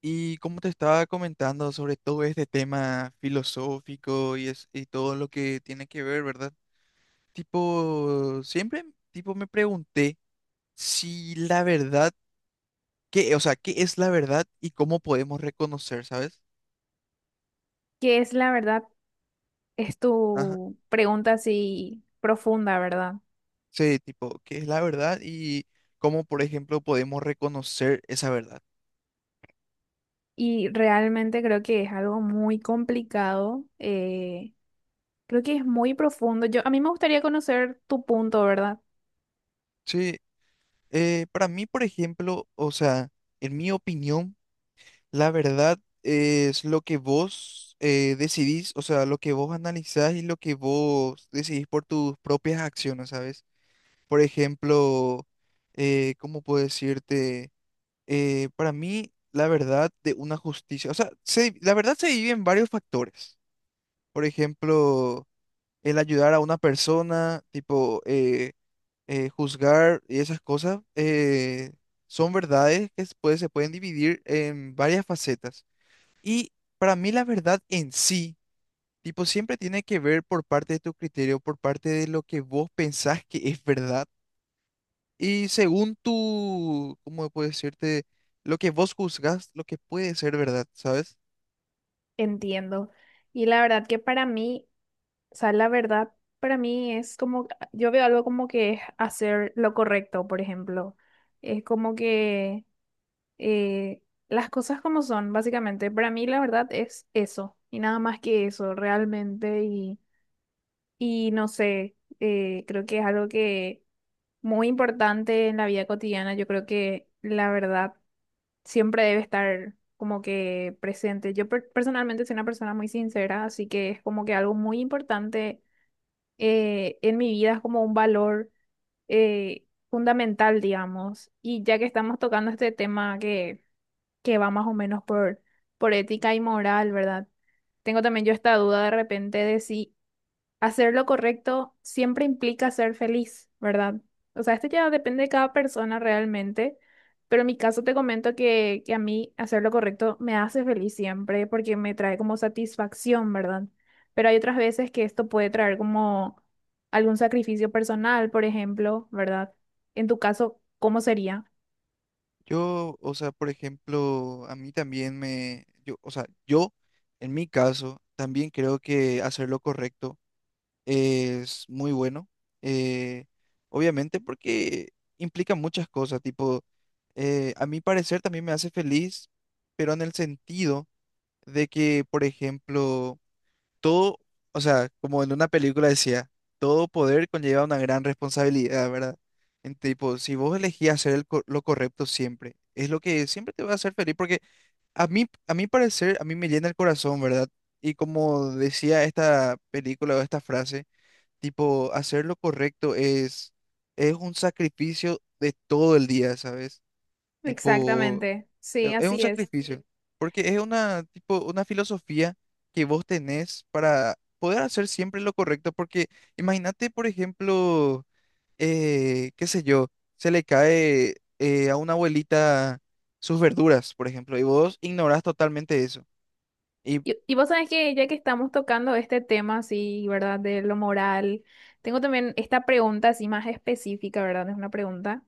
Y como te estaba comentando sobre todo este tema filosófico y todo lo que tiene que ver, ¿verdad? Tipo, siempre tipo me pregunté si la verdad, o sea, qué es la verdad y cómo podemos reconocer, ¿sabes? Que es la verdad? Es Ajá. tu pregunta así profunda, ¿verdad? Sí, tipo, qué es la verdad y cómo, por ejemplo, podemos reconocer esa verdad. Y realmente creo que es algo muy complicado, creo que es muy profundo. Yo, a mí me gustaría conocer tu punto, ¿verdad? Sí, para mí, por ejemplo, o sea, en mi opinión, la verdad es lo que vos decidís, o sea, lo que vos analizás y lo que vos decidís por tus propias acciones, ¿sabes? Por ejemplo, ¿cómo puedo decirte? Para mí, la verdad de una justicia, o sea, la verdad se divide en varios factores. Por ejemplo, el ayudar a una persona, tipo, juzgar y esas cosas, son verdades que se pueden dividir en varias facetas. Y para mí la verdad en sí, tipo, siempre tiene que ver por parte de tu criterio, por parte de lo que vos pensás que es verdad. Y según tu, ¿cómo puedo decirte? Lo que vos juzgás, lo que puede ser verdad, ¿sabes? Entiendo. Y la verdad que para mí, o sea, la verdad para mí es como, yo veo algo como que es hacer lo correcto, por ejemplo. Es como que eh, las cosas como son, básicamente. Para mí la verdad es eso y nada más que eso realmente y no sé, creo que es algo que muy importante en la vida cotidiana. Yo creo que la verdad siempre debe estar como que presente. Yo personalmente soy una persona muy sincera, así que es como que algo muy importante en mi vida, es como un valor eh, fundamental, digamos. Y ya que estamos tocando este tema que va más o menos por ética y moral, ¿verdad? Tengo también yo esta duda de repente de si hacer lo correcto siempre implica ser feliz, ¿verdad? O sea, esto ya depende de cada persona realmente, pero en mi caso te comento que a mí hacer lo correcto me hace feliz siempre porque me trae como satisfacción, ¿verdad? Pero hay otras veces que esto puede traer como algún sacrificio personal, por ejemplo, ¿verdad? En tu caso, ¿cómo sería? Yo, o sea, por ejemplo, a mí también me, yo, en mi caso, también creo que hacer lo correcto es muy bueno, eh, obviamente porque implica muchas cosas, tipo, a mi parecer también me hace feliz, pero en el sentido de que, por ejemplo, todo, o sea, como en una película decía, todo poder conlleva una gran responsabilidad, ¿verdad? En tipo, si vos elegís hacer lo correcto siempre, es lo que siempre te va a hacer feliz, porque a mí, a mi parecer, a mí me llena el corazón, ¿verdad? Y como decía esta película o esta frase, tipo, hacer lo correcto es un sacrificio de todo el día, ¿sabes? Tipo, Exactamente, sí, es un así sí, es. sacrificio, porque es tipo, una filosofía que vos tenés para poder hacer siempre lo correcto, porque imagínate, por ejemplo, qué sé yo, se le cae a una abuelita sus verduras, por ejemplo, y vos ignorás totalmente eso. Y Y vos sabés que ya que estamos tocando este tema así, ¿verdad? De lo moral, tengo también esta pregunta así más específica, ¿verdad? Es una pregunta.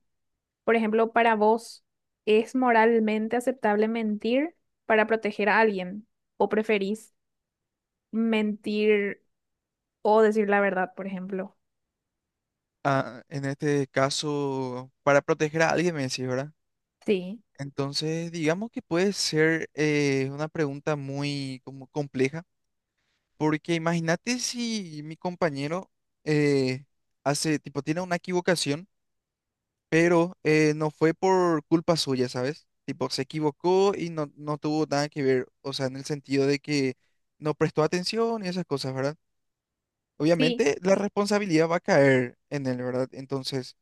Por ejemplo, para vos, ¿es moralmente aceptable mentir para proteger a alguien? ¿O preferís mentir o decir la verdad, por ejemplo? ah, en este caso, para proteger a alguien, me decís, ¿verdad? Sí, Entonces, digamos que puede ser una pregunta muy como compleja, porque imagínate si mi compañero eh, tipo, tiene una equivocación, pero no fue por culpa suya, ¿sabes? Tipo, se equivocó y no tuvo nada que ver, o sea, en el sentido de que no prestó atención y esas cosas, ¿verdad? sí, Obviamente la responsabilidad va a caer en él, ¿verdad? Entonces,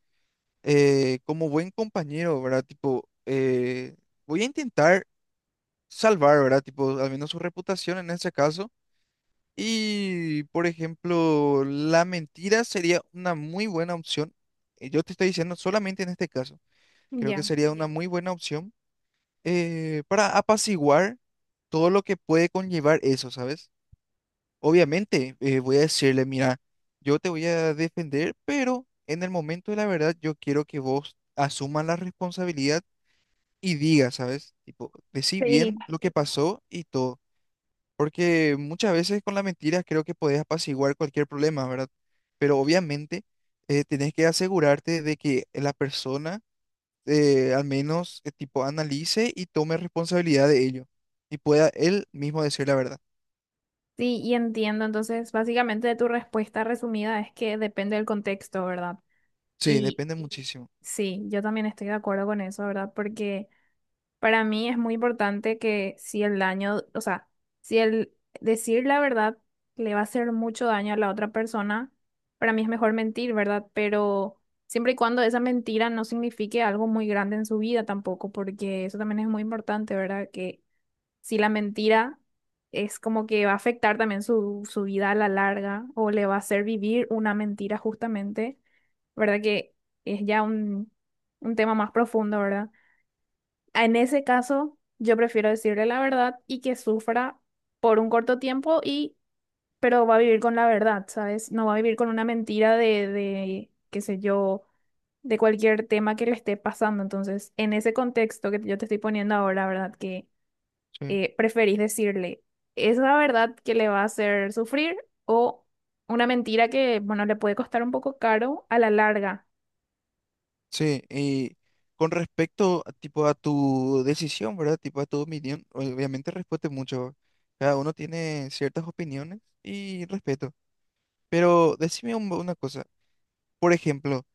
como buen compañero, ¿verdad? Tipo, voy a intentar salvar, ¿verdad? Tipo, al menos su reputación en ese caso. Y, por ejemplo, la mentira sería una muy buena opción. Yo te estoy diciendo solamente en este caso. Creo que ya. sería una muy buena opción para apaciguar todo lo que puede conllevar eso, ¿sabes? Obviamente, voy a decirle, mira, yo te voy a defender, pero en el momento de la verdad yo quiero que vos asumas la responsabilidad y digas, ¿sabes? Tipo, decí Sí, bien lo que pasó y todo. Porque muchas veces con las mentiras creo que podés apaciguar cualquier problema, ¿verdad? Pero obviamente tenés que asegurarte de que la persona al menos tipo analice y tome responsabilidad de ello y pueda él mismo decir la verdad. sí, y entiendo. Entonces, básicamente de tu respuesta resumida es que depende del contexto, ¿verdad? Sí, Y depende muchísimo. sí, yo también estoy de acuerdo con eso, ¿verdad? Porque... para mí es muy importante que si el daño, o sea, si el decir la verdad le va a hacer mucho daño a la otra persona, para mí es mejor mentir, ¿verdad? Pero siempre y cuando esa mentira no signifique algo muy grande en su vida tampoco, porque eso también es muy importante, ¿verdad? Que si la mentira es como que va a afectar también su vida a la larga o le va a hacer vivir una mentira justamente, ¿verdad? Que es ya un tema más profundo, ¿verdad? En ese caso, yo prefiero decirle la verdad y que sufra por un corto tiempo y, pero va a vivir con la verdad, ¿sabes? No va a vivir con una mentira de, qué sé yo, de cualquier tema que le esté pasando. Entonces, en ese contexto que yo te estoy poniendo ahora, ¿verdad? Que Sí. Preferís decirle esa verdad que le va a hacer sufrir o una mentira que, bueno, le puede costar un poco caro a la larga, Sí, y con respecto a, tipo a tu decisión, ¿verdad? Tipo a tu opinión, obviamente respeto mucho. Cada uno tiene ciertas opiniones y respeto. Pero decime una cosa. Por ejemplo,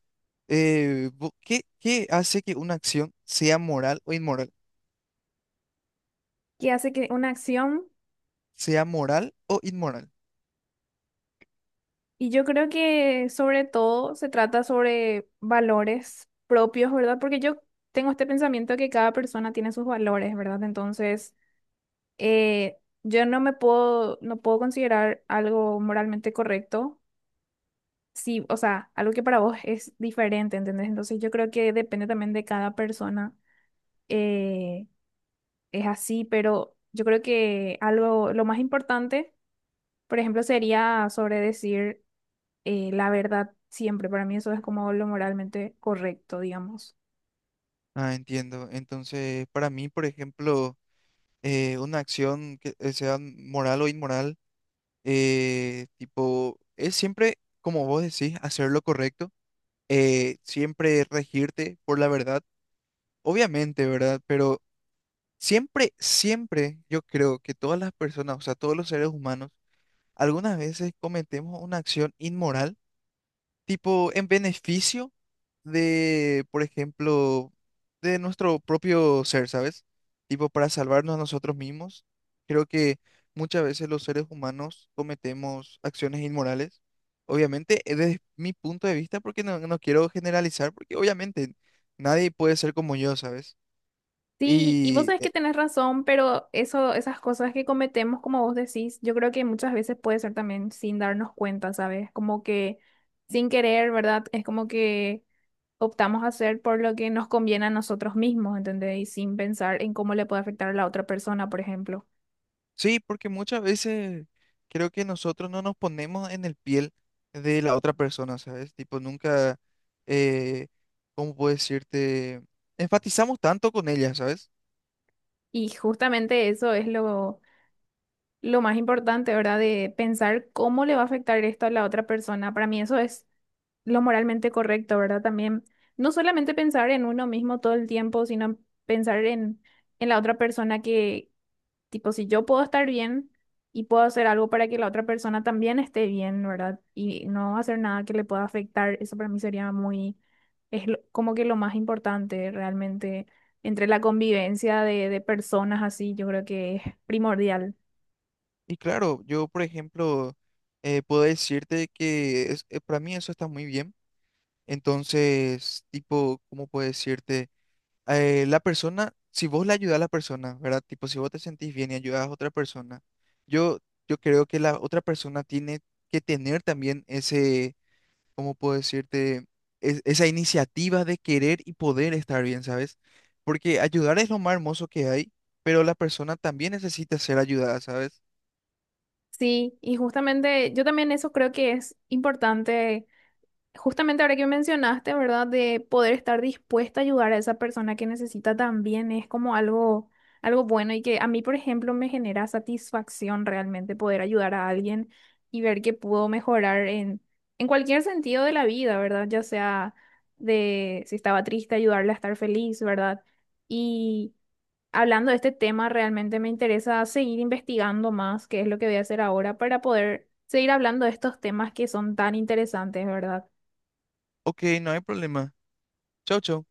¿Qué hace que una acción sea moral o inmoral? que hace que una acción. Sea moral o inmoral. Y yo creo que sobre todo se trata sobre valores propios, ¿verdad? Porque yo tengo este pensamiento que cada persona tiene sus valores, ¿verdad? Entonces, yo no me puedo, no puedo considerar algo moralmente correcto, sí, o sea, algo que para vos es diferente, ¿entendés? Entonces, yo creo que depende también de cada persona, eh, es así, pero yo creo que algo, lo más importante, por ejemplo, sería sobre decir la verdad siempre. Para mí eso es como lo moralmente correcto, digamos. Ah, entiendo. Entonces, para mí, por ejemplo, una acción que sea moral o inmoral, tipo, es siempre, como vos decís, hacer lo correcto, siempre regirte por la verdad, obviamente, ¿verdad? Pero siempre, siempre, yo creo que todas las personas, o sea, todos los seres humanos, algunas veces cometemos una acción inmoral tipo en beneficio de, por ejemplo, de nuestro propio ser, ¿sabes? Tipo para salvarnos a nosotros mismos. Creo que muchas veces los seres humanos cometemos acciones inmorales. Obviamente, desde mi punto de vista, porque no quiero generalizar, porque obviamente nadie puede ser como yo, ¿sabes? Sí, y vos Y sabés que tenés razón, pero eso, esas cosas que cometemos, como vos decís, yo creo que muchas veces puede ser también sin darnos cuenta, ¿sabes? Como que sin querer, ¿verdad? Es como que optamos a hacer por lo que nos conviene a nosotros mismos, ¿entendés? Y sin pensar en cómo le puede afectar a la otra persona, por ejemplo. sí, porque muchas veces creo que nosotros no nos ponemos en el piel de la otra persona, ¿sabes? Tipo, nunca, eh, ¿cómo puedo decirte? Enfatizamos tanto con ella, ¿sabes? Y justamente eso es lo más importante, ¿verdad? De pensar cómo le va a afectar esto a la otra persona. Para mí eso es lo moralmente correcto, ¿verdad? También no solamente pensar en uno mismo todo el tiempo, sino pensar en la otra persona que, tipo, si yo puedo estar bien y puedo hacer algo para que la otra persona también esté bien, ¿verdad? Y no hacer nada que le pueda afectar, eso para mí sería muy, es lo- como que lo más importante realmente entre la convivencia de personas así, yo creo que es primordial. Y claro, yo, por ejemplo, puedo decirte que para mí eso está muy bien. Entonces, tipo, ¿cómo puedo decirte? La persona, si vos le ayudas a la persona, ¿verdad? Tipo, si vos te sentís bien y ayudas a otra persona, yo, yo creo que la otra persona tiene que tener también ese, ¿cómo puedo decirte? Esa iniciativa de querer y poder estar bien, ¿sabes? Porque ayudar es lo más hermoso que hay, pero la persona también necesita ser ayudada, ¿sabes? Sí, y justamente yo también eso creo que es importante. Justamente ahora que mencionaste, ¿verdad? De poder estar dispuesta a ayudar a esa persona que necesita también es como algo, algo bueno y que a mí, por ejemplo, me genera satisfacción realmente poder ayudar a alguien y ver que pudo mejorar en cualquier sentido de la vida, ¿verdad? Ya sea de si estaba triste, ayudarle a estar feliz, ¿verdad? Y hablando de este tema, realmente me interesa seguir investigando más, qué es lo que voy a hacer ahora para poder seguir hablando de estos temas que son tan interesantes, ¿verdad? Ok, no hay problema. Chau, chau.